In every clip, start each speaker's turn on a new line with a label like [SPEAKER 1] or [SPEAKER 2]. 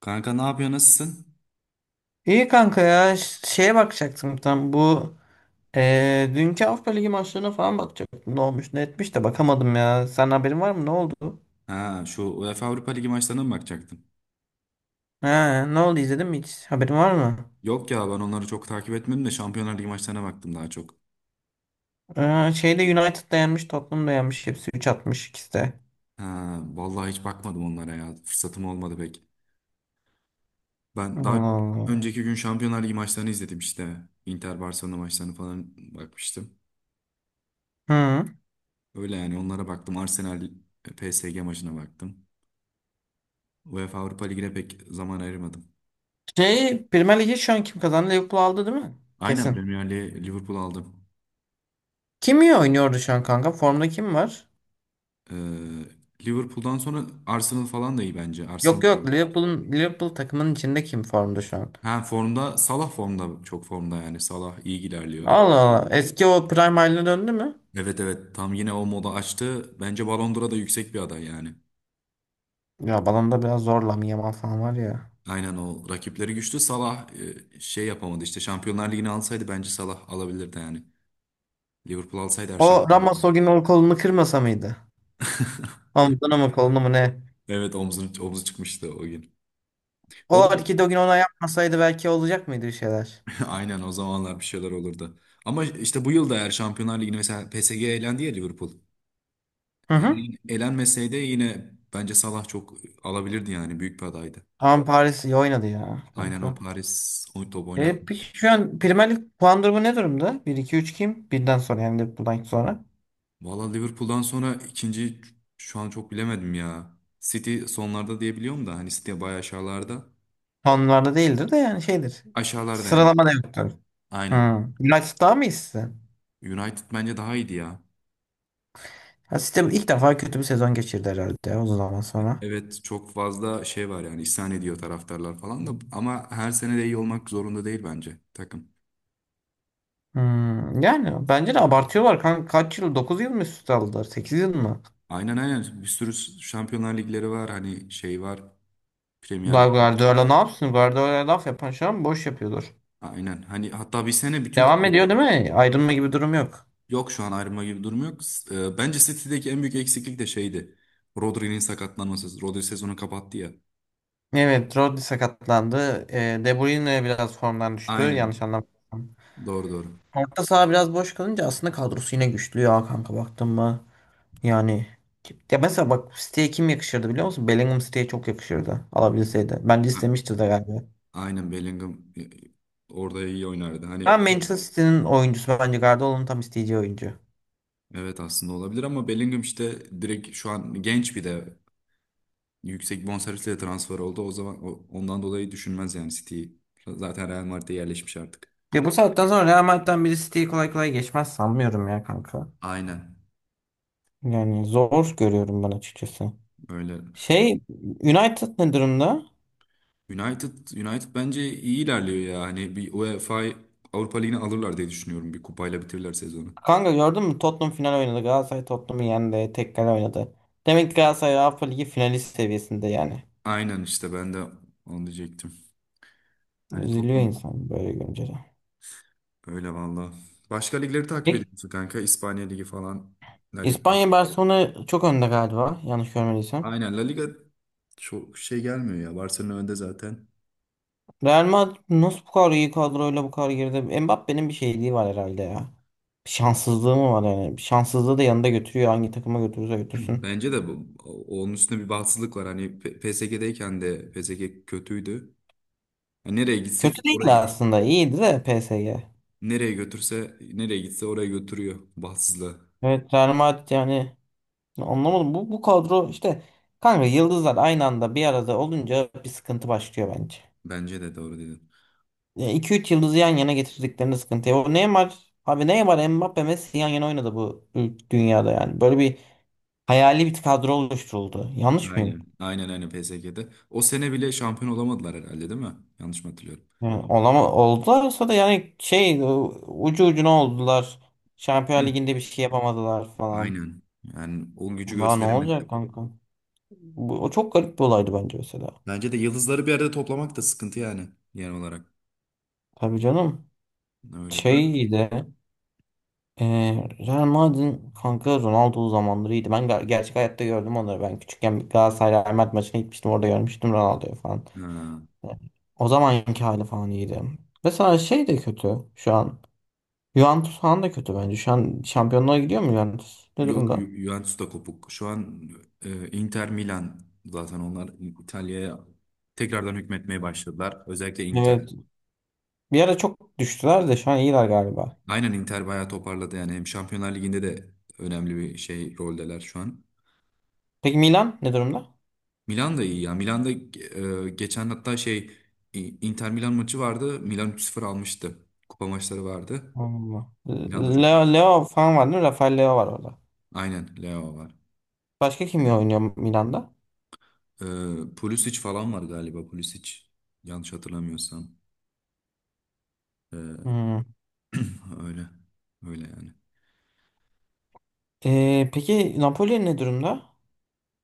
[SPEAKER 1] Kanka ne yapıyor, nasılsın?
[SPEAKER 2] İyi kanka ya şeye bakacaktım tam bu dünkü Avrupa Ligi maçlarına falan bakacaktım ne olmuş ne etmiş de bakamadım ya sen haberin var mı ne oldu?
[SPEAKER 1] Ha, şu UEFA Avrupa Ligi maçlarına mı bakacaktın?
[SPEAKER 2] Ha, ne oldu izledin mi hiç haberin var mı?
[SPEAKER 1] Yok ya, ben onları çok takip etmedim de Şampiyonlar Ligi maçlarına baktım daha çok.
[SPEAKER 2] Şeyde United da yenmiş Tottenham da yenmiş hepsi 3 atmış ikisi de.
[SPEAKER 1] Ha vallahi hiç bakmadım onlara ya. Fırsatım olmadı pek. Ben
[SPEAKER 2] Allah
[SPEAKER 1] daha
[SPEAKER 2] Allah.
[SPEAKER 1] önceki gün Şampiyonlar Ligi maçlarını izledim işte. Inter Barcelona maçlarını falan bakmıştım.
[SPEAKER 2] Hı.
[SPEAKER 1] Öyle yani, onlara baktım. Arsenal PSG maçına baktım. UEFA Avrupa Ligi'ne pek zaman ayırmadım.
[SPEAKER 2] Şey Premier Ligi şu an kim kazandı Liverpool aldı değil mi?
[SPEAKER 1] Aynen,
[SPEAKER 2] Kesin.
[SPEAKER 1] Premier Lig'e Liverpool aldım.
[SPEAKER 2] Kim iyi oynuyordu şu an kanka formda kim var?
[SPEAKER 1] Ee, Liverpool'dan sonra Arsenal falan da iyi bence. Arsenal
[SPEAKER 2] Yok
[SPEAKER 1] da
[SPEAKER 2] yok
[SPEAKER 1] iyi.
[SPEAKER 2] Liverpool'un Liverpool takımının içinde kim formda şu an?
[SPEAKER 1] Ha, formda, Salah formda, çok formda yani, Salah iyi ilerliyor.
[SPEAKER 2] Allah Allah eski o Prime haline döndü mü?
[SPEAKER 1] Evet evet, tam yine o moda açtı. Bence Ballon d'Or'a da yüksek bir aday yani.
[SPEAKER 2] Ya balonda biraz zor Lamine Yamal falan var ya.
[SPEAKER 1] Aynen, o rakipleri güçlü. Salah şey yapamadı işte, Şampiyonlar Ligi'ni alsaydı bence Salah alabilirdi yani. Liverpool alsaydı her
[SPEAKER 2] O
[SPEAKER 1] şampiyonluğu.
[SPEAKER 2] Ramos o gün o kolunu kırmasa mıydı? Omzuna mı kolunu mu ne?
[SPEAKER 1] Evet, omzunu, omzu çıkmıştı o gün.
[SPEAKER 2] O
[SPEAKER 1] O da
[SPEAKER 2] hareketi o gün ona yapmasaydı belki olacak mıydı bir şeyler?
[SPEAKER 1] aynen, o zamanlar bir şeyler olurdu. Ama işte bu yıl da eğer Şampiyonlar Ligi'ni, mesela PSG elendi ya Liverpool.
[SPEAKER 2] Hı hı.
[SPEAKER 1] Yani elenmeseydi yine bence Salah çok alabilirdi yani, büyük bir adaydı.
[SPEAKER 2] Ama Paris iyi oynadı ya
[SPEAKER 1] Aynen, o
[SPEAKER 2] kanka.
[SPEAKER 1] Paris o top oynat.
[SPEAKER 2] Peki şu an Premier Lig puan durumu ne durumda? Bir iki üç kim? Birden sonra yani Liverpool'dan sonra.
[SPEAKER 1] Valla Liverpool'dan sonra ikinci şu an çok bilemedim ya. City sonlarda diyebiliyorum da, hani City bayağı aşağılarda.
[SPEAKER 2] Puanlarda değildir de yani şeydir.
[SPEAKER 1] Aşağılarda yani.
[SPEAKER 2] Sıralama da yoktur. Hı.
[SPEAKER 1] Aynen.
[SPEAKER 2] United daha mı iyisi?
[SPEAKER 1] United bence daha iyiydi ya.
[SPEAKER 2] Ha, sistem ilk defa kötü bir sezon geçirdi herhalde uzun zaman sonra.
[SPEAKER 1] Evet, çok fazla şey var yani, isyan ediyor taraftarlar falan da, ama her sene de iyi olmak zorunda değil bence takım.
[SPEAKER 2] Hmm, yani bence de abartıyorlar kanka. Kaç yıl? 9 yıl mı üst üste aldılar? 8 yıl mı?
[SPEAKER 1] Aynen aynen, bir sürü Şampiyonlar Ligleri var, hani şey var, Premier
[SPEAKER 2] Daha
[SPEAKER 1] Ligleri.
[SPEAKER 2] Guardiola ne yapsın? Guardiola laf yapan şu an boş yapıyordur.
[SPEAKER 1] Aynen, hani hatta bir sene bütün
[SPEAKER 2] Devam
[SPEAKER 1] kupaları.
[SPEAKER 2] ediyor değil mi? Ayrılma gibi durum yok.
[SPEAKER 1] Yok, şu an ayrılma gibi bir durum yok. Bence City'deki en büyük eksiklik de şeydi. Rodri'nin sakatlanması. Rodri sezonu kapattı ya.
[SPEAKER 2] Evet, Rodri sakatlandı. De Bruyne biraz formdan düştü. Yanlış
[SPEAKER 1] Aynen.
[SPEAKER 2] anlamadım.
[SPEAKER 1] Doğru doğru.
[SPEAKER 2] Orta saha biraz boş kalınca aslında kadrosu yine güçlü ya kanka baktın mı? Yani ya mesela bak City'ye kim yakışırdı biliyor musun? Bellingham City'ye çok yakışırdı alabilseydi. Bence
[SPEAKER 1] Ha,
[SPEAKER 2] istemişti de galiba.
[SPEAKER 1] aynen Bellingham orada iyi oynardı. Hani
[SPEAKER 2] Ben Manchester City'nin oyuncusu bence Guardiola'nın tam isteyeceği oyuncu.
[SPEAKER 1] evet, aslında olabilir, ama Bellingham işte direkt şu an genç, bir de yüksek bonservisle transfer oldu. O zaman ondan dolayı düşünmez yani City'yi. Zaten Real Madrid'e yerleşmiş artık.
[SPEAKER 2] Ya bu saatten sonra Real Madrid'den biri City'yi kolay kolay geçmez sanmıyorum ya kanka.
[SPEAKER 1] Aynen.
[SPEAKER 2] Yani zor görüyorum ben açıkçası.
[SPEAKER 1] Öyle.
[SPEAKER 2] Şey United ne durumda?
[SPEAKER 1] United, United bence iyi ilerliyor ya. Hani bir UEFA Avrupa Ligi'ni alırlar diye düşünüyorum. Bir kupayla bitirirler sezonu.
[SPEAKER 2] Kanka gördün mü Tottenham final oynadı. Galatasaray Tottenham'ı yendi. Tek kale oynadı. Demek ki Galatasaray Avrupa Ligi finalist seviyesinde yani.
[SPEAKER 1] Aynen işte, ben de onu diyecektim. Hani
[SPEAKER 2] Üzülüyor
[SPEAKER 1] Tottenham,
[SPEAKER 2] insan böyle görünce de.
[SPEAKER 1] öyle valla. Başka ligleri takip
[SPEAKER 2] İlk
[SPEAKER 1] ediyorsun kanka. İspanya Ligi falan. La Liga.
[SPEAKER 2] İspanya Barcelona çok önde galiba. Yanlış görmediysem.
[SPEAKER 1] Aynen, La Liga çok şey gelmiyor ya. Barcelona önde zaten.
[SPEAKER 2] Real Madrid nasıl bu kadar iyi kadroyla bu kadar geride? Mbappé'nin bir şeyliği var herhalde ya. Şanssızlığı mı var yani? Şanssızlığı da yanında götürüyor. Hangi takıma götürürse götürsün.
[SPEAKER 1] Bence de bu, onun üstünde bir bahtsızlık var. Hani PSG'deyken de PSG kötüydü. Hani nereye gitsek
[SPEAKER 2] Kötü
[SPEAKER 1] oraya,
[SPEAKER 2] değildi aslında. İyiydi de PSG.
[SPEAKER 1] nereye götürse nereye gitse oraya götürüyor bahtsızlığa.
[SPEAKER 2] Evet Real Madrid yani anlamadım. Bu kadro işte kanka yıldızlar aynı anda bir arada olunca bir sıkıntı başlıyor bence.
[SPEAKER 1] Bence de doğru dedin.
[SPEAKER 2] İki üç yıldızı yan yana getirdiklerinde sıkıntı. Ya O Neymar abi Neymar Mbappe Messi yan yana oynadı bu dünyada yani. Böyle bir hayali bir kadro oluşturuldu. Yanlış mıyım?
[SPEAKER 1] Aynen. Aynen PSG'de. O sene bile şampiyon olamadılar herhalde, değil mi? Yanlış mı hatırlıyorum?
[SPEAKER 2] Yani olama oldularsa da yani şey ucu ucuna oldular. Şampiyonlar Ligi'nde bir şey yapamadılar falan.
[SPEAKER 1] Aynen. Yani o gücü
[SPEAKER 2] Daha ne olacak
[SPEAKER 1] gösteremediler.
[SPEAKER 2] kanka? Bu, o çok garip bir olaydı bence mesela.
[SPEAKER 1] Bence de yıldızları bir arada toplamak da sıkıntı yani, genel olarak.
[SPEAKER 2] Tabii canım.
[SPEAKER 1] Öyle. Değil mi?
[SPEAKER 2] Şey de e, Real Madrid'in kanka Ronaldo zamanları iyiydi. Ben gerçek hayatta gördüm onları. Ben küçükken bir Galatasaray Real Madrid maçına gitmiştim. Orada görmüştüm Ronaldo'yu falan.
[SPEAKER 1] Ha.
[SPEAKER 2] Yani o zamanki hali falan iyiydi. Mesela şey de kötü şu an. Juventus falan da kötü bence. Şu an şampiyonluğa gidiyor mu Juventus? Ne
[SPEAKER 1] Yok,
[SPEAKER 2] durumda?
[SPEAKER 1] Juventus da kopuk. Şu an Inter Milan, zaten onlar İtalya'ya tekrardan hükmetmeye başladılar. Özellikle Inter.
[SPEAKER 2] Evet. Bir ara çok düştüler de şu an iyiler galiba.
[SPEAKER 1] Aynen, Inter bayağı toparladı yani. Hem Şampiyonlar Ligi'nde de önemli bir şey roldeler şu an.
[SPEAKER 2] Peki Milan ne durumda?
[SPEAKER 1] Milan da iyi ya. Milan'da geçen hatta şey Inter Milan maçı vardı. Milan 3-0 almıştı. Kupa maçları vardı.
[SPEAKER 2] Allah.
[SPEAKER 1] Milan da çok
[SPEAKER 2] Leo,
[SPEAKER 1] iyi.
[SPEAKER 2] Leo falan var değil mi? Rafael Leo var orada.
[SPEAKER 1] Aynen, Leo var.
[SPEAKER 2] Başka kim oynuyor Milan'da?
[SPEAKER 1] E, Pulisic falan var galiba, Pulisic. Yanlış hatırlamıyorsam. E,
[SPEAKER 2] Hmm.
[SPEAKER 1] öyle. Öyle yani.
[SPEAKER 2] Peki Napoli ne durumda?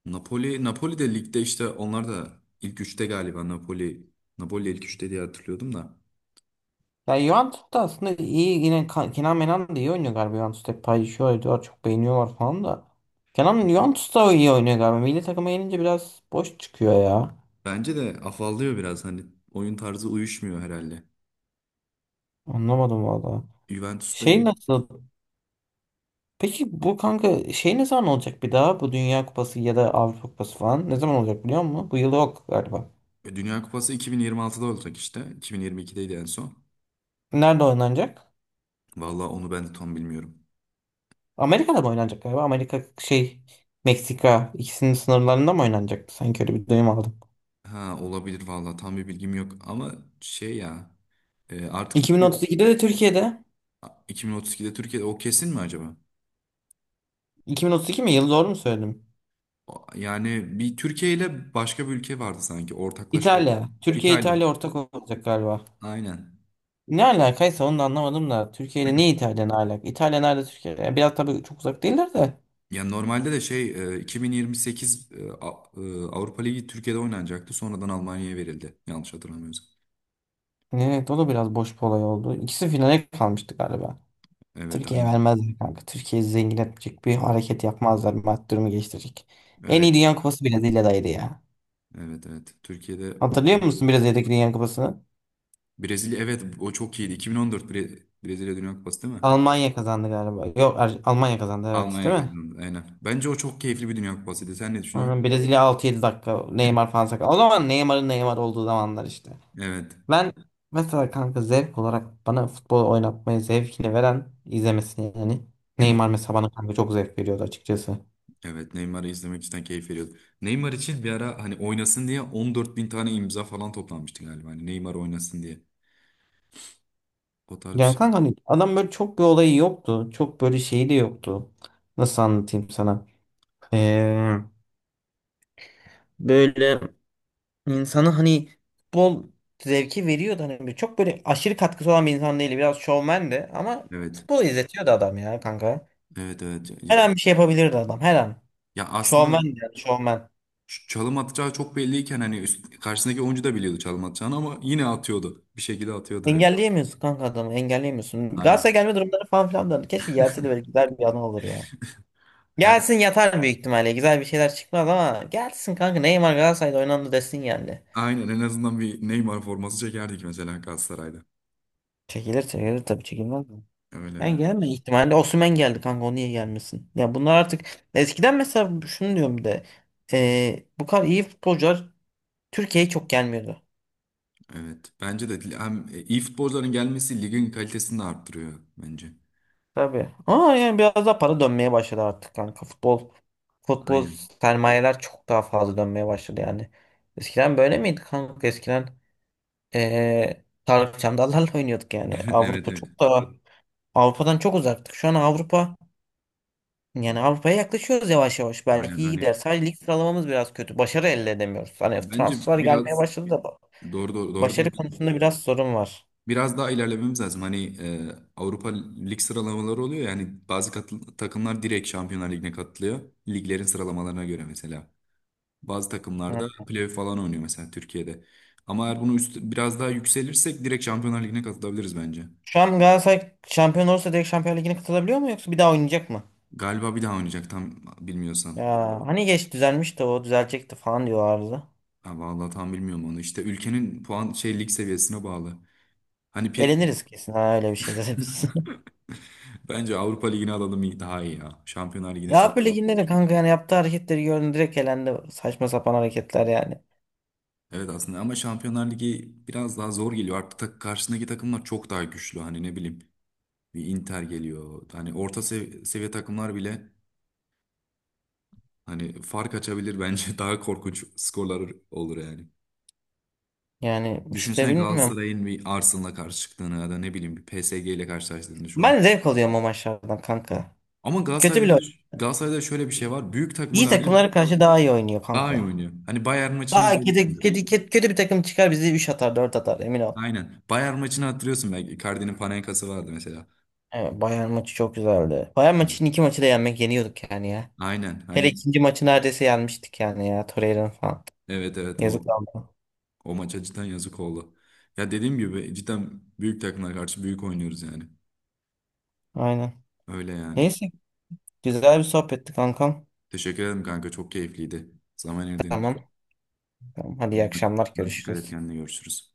[SPEAKER 1] Napoli, Napoli de ligde, işte onlar da ilk üçte galiba, Napoli. Napoli ilk üçte diye hatırlıyordum da.
[SPEAKER 2] Ya Juventus da aslında iyi yine Kenan Menan da iyi oynuyor galiba. Juventus hep paylaşıyor ediyor çok beğeniyorlar falan da. Kenan Juventus da iyi oynuyor galiba. Milli takıma gelince biraz boş çıkıyor ya.
[SPEAKER 1] Bence de afallıyor biraz, hani oyun tarzı uyuşmuyor herhalde.
[SPEAKER 2] Anlamadım valla.
[SPEAKER 1] Juventus da
[SPEAKER 2] Şey
[SPEAKER 1] iyi.
[SPEAKER 2] nasıl? Peki bu kanka şey ne zaman olacak bir daha? Bu Dünya Kupası ya da Avrupa Kupası falan ne zaman olacak biliyor musun? Bu yıl yok galiba.
[SPEAKER 1] Dünya Kupası 2026'da olacak işte. 2022'deydi en son.
[SPEAKER 2] Nerede oynanacak?
[SPEAKER 1] Vallahi onu ben de tam bilmiyorum.
[SPEAKER 2] Amerika'da mı oynanacak galiba? Amerika şey Meksika ikisinin sınırlarında mı oynanacaktı? Sanki öyle bir duyum aldım.
[SPEAKER 1] Ha olabilir vallahi, tam bir bilgim yok ama şey ya, e, artık iki-
[SPEAKER 2] 2032'de de Türkiye'de.
[SPEAKER 1] 2032'de Türkiye, o kesin mi acaba?
[SPEAKER 2] 2032 mi? Yıl doğru mu söyledim?
[SPEAKER 1] Yani bir Türkiye ile başka bir ülke vardı sanki, ortaklaşa oldu.
[SPEAKER 2] İtalya. Türkiye
[SPEAKER 1] İtalya.
[SPEAKER 2] İtalya ortak olacak galiba.
[SPEAKER 1] Aynen.
[SPEAKER 2] Ne alakaysa onu da anlamadım da. Türkiye ile ne İtalya ne alaka? İtalya nerede Türkiye? Yani biraz tabii çok uzak değiller de.
[SPEAKER 1] Yani normalde de şey, 2028 Avrupa Ligi Türkiye'de oynanacaktı. Sonradan Almanya'ya verildi. Yanlış hatırlamıyorsam.
[SPEAKER 2] Evet o da biraz boş bir olay oldu. İkisi finale kalmıştı galiba.
[SPEAKER 1] Evet
[SPEAKER 2] Türkiye'ye
[SPEAKER 1] aynen.
[SPEAKER 2] vermezler kanka. Türkiye'yi zengin etmeyecek bir hareket yapmazlar. Maddi durumu geliştirecek. En
[SPEAKER 1] Evet
[SPEAKER 2] iyi Dünya Kupası Brezilya'daydı ya.
[SPEAKER 1] evet. Türkiye'de
[SPEAKER 2] Hatırlıyor
[SPEAKER 1] oynamak
[SPEAKER 2] musun Brezilya'daki Dünya Kupası'nı?
[SPEAKER 1] Brezilya, evet, o çok iyiydi. 2014 Brezilya Dünya Kupası değil mi?
[SPEAKER 2] Almanya kazandı galiba. Yok Almanya kazandı evet değil
[SPEAKER 1] Almanya
[SPEAKER 2] mi?
[SPEAKER 1] kazandı aynen. Bence o çok keyifli bir Dünya Kupasıydı. Sen ne düşünüyorsun?
[SPEAKER 2] Aynen, Brezilya 6-7 dakika Neymar falan sakat. O zaman Neymar'ın Neymar olduğu zamanlar işte.
[SPEAKER 1] Evet.
[SPEAKER 2] Ben mesela kanka zevk olarak bana futbol oynatmayı zevkini veren izlemesini yani. Neymar mesela bana kanka çok zevk veriyordu açıkçası.
[SPEAKER 1] Evet, Neymar'ı izlemek cidden keyif veriyordu. Neymar için bir ara hani oynasın diye 14 bin tane imza falan toplanmıştı galiba. Hani Neymar oynasın diye. O tarz bir
[SPEAKER 2] Ya
[SPEAKER 1] şey.
[SPEAKER 2] kanka hani adam böyle çok bir olayı yoktu. Çok böyle şeyi de yoktu. Nasıl anlatayım sana? Ee, Böyle insanı hani futbol zevki veriyordu hani. Böyle çok böyle aşırı katkısı olan bir insan değildi. Biraz şovmen de ama
[SPEAKER 1] Evet.
[SPEAKER 2] futbolu izletiyordu adam ya kanka.
[SPEAKER 1] Evet evet,
[SPEAKER 2] Her an
[SPEAKER 1] cidden.
[SPEAKER 2] bir şey yapabilirdi adam her an.
[SPEAKER 1] Ya aslında
[SPEAKER 2] Şovmen de yani şovmen.
[SPEAKER 1] çalım atacağı çok belliyken, hani karşısındaki oyuncu da biliyordu çalım atacağını, ama yine atıyordu. Bir şekilde atıyordu yani.
[SPEAKER 2] Engelleyemiyorsun kanka adamı engelleyemiyorsun.
[SPEAKER 1] Aynen.
[SPEAKER 2] Galatasaray gelme durumları falan filan da keşke gelse de böyle güzel bir anı olur ya.
[SPEAKER 1] Her,
[SPEAKER 2] Gelsin yatar büyük ihtimalle. Güzel bir şeyler çıkmaz ama gelsin kanka. Neymar Galatasaray'da oynandı desin geldi.
[SPEAKER 1] aynen en azından bir Neymar forması çekerdik mesela Galatasaray'da.
[SPEAKER 2] Çekilir çekilir tabii çekilmez mi?
[SPEAKER 1] Öyle
[SPEAKER 2] Yani
[SPEAKER 1] yani.
[SPEAKER 2] gelme ihtimalle Osimhen geldi kanka o niye gelmesin? Ya bunlar artık eskiden mesela şunu diyorum bir de bu kadar iyi futbolcular Türkiye'ye çok gelmiyordu.
[SPEAKER 1] Evet. Bence de hem iyi futbolcuların gelmesi ligin kalitesini de arttırıyor bence.
[SPEAKER 2] Tabii. Ama yani biraz daha para dönmeye başladı artık kanka. Futbol futbol
[SPEAKER 1] Aynen.
[SPEAKER 2] sermayeler çok daha fazla dönmeye başladı yani. Eskiden böyle miydi kanka? Eskiden Tarık Çamdallar'la oynuyorduk yani.
[SPEAKER 1] Evet
[SPEAKER 2] Avrupa
[SPEAKER 1] evet.
[SPEAKER 2] çok daha Avrupa'dan çok uzaktık. Şu an Avrupa yani Avrupa'ya yaklaşıyoruz yavaş yavaş.
[SPEAKER 1] Aynen
[SPEAKER 2] Belki iyi gider.
[SPEAKER 1] hani,
[SPEAKER 2] Sadece lig sıralamamız biraz kötü. Başarı elde edemiyoruz. Hani
[SPEAKER 1] bence
[SPEAKER 2] transfer gelmeye
[SPEAKER 1] biraz
[SPEAKER 2] başladı da
[SPEAKER 1] doğru doğru, doğru
[SPEAKER 2] başarı
[SPEAKER 1] diyorsun.
[SPEAKER 2] konusunda biraz sorun var.
[SPEAKER 1] Biraz daha ilerlememiz lazım. Hani Avrupa Lig sıralamaları oluyor, yani bazı takımlar direkt Şampiyonlar Ligi'ne katılıyor. Liglerin sıralamalarına göre mesela. Bazı takımlarda
[SPEAKER 2] Hı.
[SPEAKER 1] playoff falan oynuyor, mesela Türkiye'de. Ama eğer bunu üst, biraz daha yükselirsek direkt Şampiyonlar Ligi'ne katılabiliriz bence.
[SPEAKER 2] Şu an Galatasaray şampiyon olursa direkt Şampiyon Ligi'ne katılabiliyor mu yoksa bir daha oynayacak mı?
[SPEAKER 1] Galiba bir daha oynayacak, tam bilmiyorsam.
[SPEAKER 2] Ya hani geç düzelmişti o düzelecekti falan diyorlardı.
[SPEAKER 1] Ha, vallahi tam bilmiyorum onu. İşte ülkenin puan şey lig seviyesine bağlı. Hani pi-
[SPEAKER 2] Eleniriz kesin ha öyle bir şey de biz.
[SPEAKER 1] bence Avrupa Ligi'ni alalım, daha iyi ya. Şampiyonlar Ligi'ne
[SPEAKER 2] Ya
[SPEAKER 1] çok
[SPEAKER 2] Avrupa
[SPEAKER 1] iyi.
[SPEAKER 2] Ligi'nde de kanka yani yaptığı hareketleri gördüm direkt elendi. Saçma sapan hareketler yani.
[SPEAKER 1] Evet aslında, ama Şampiyonlar Ligi biraz daha zor geliyor. Artık karşısındaki takımlar çok daha güçlü. Hani ne bileyim, bir Inter geliyor. Hani orta seviye takımlar bile hani fark açabilir bence. Daha korkunç skorlar olur yani.
[SPEAKER 2] Yani işte
[SPEAKER 1] Düşünsene
[SPEAKER 2] bilmiyorum.
[SPEAKER 1] Galatasaray'ın bir Arsenal'la karşı çıktığını, ya da ne bileyim bir PSG ile karşılaştığını şu an.
[SPEAKER 2] Ben zevk alıyorum o maçlardan kanka.
[SPEAKER 1] Ama
[SPEAKER 2] Kötü
[SPEAKER 1] Galatasaray'da
[SPEAKER 2] bile
[SPEAKER 1] da,
[SPEAKER 2] oynuyor.
[SPEAKER 1] Galatasaray'da şöyle bir şey var. Büyük takıma
[SPEAKER 2] İyi
[SPEAKER 1] karşı
[SPEAKER 2] takımlara karşı daha iyi oynuyor
[SPEAKER 1] daha iyi
[SPEAKER 2] kanka.
[SPEAKER 1] oynuyor. Hani Bayern maçını
[SPEAKER 2] Daha kötü,
[SPEAKER 1] izlemişsindir.
[SPEAKER 2] kötü, kötü, kötü bir takım çıkar bizi 3 atar 4 atar emin ol.
[SPEAKER 1] Aynen. Bayern maçını hatırlıyorsun belki. Icardi'nin Panenka'sı vardı mesela.
[SPEAKER 2] Evet, Bayern maçı çok güzeldi. Bayern
[SPEAKER 1] Hı.
[SPEAKER 2] maçının iki maçı da yenmek yeniyorduk yani ya.
[SPEAKER 1] Aynen.
[SPEAKER 2] Hele
[SPEAKER 1] Hani
[SPEAKER 2] ikinci maçı neredeyse yenmiştik yani ya. Torreira'nın falan.
[SPEAKER 1] evet,
[SPEAKER 2] Yazık oldu.
[SPEAKER 1] o maça cidden yazık oldu. Ya dediğim gibi, cidden büyük takımlara karşı büyük oynuyoruz yani.
[SPEAKER 2] Aynen.
[SPEAKER 1] Öyle yani.
[SPEAKER 2] Neyse güzel bir sohbetti kankam.
[SPEAKER 1] Teşekkür ederim kanka. Çok keyifliydi. Zaman ayırdığın için.
[SPEAKER 2] Tamam. Tamam. Hadi iyi akşamlar
[SPEAKER 1] Dikkat et
[SPEAKER 2] görüşürüz.
[SPEAKER 1] kendine. Görüşürüz.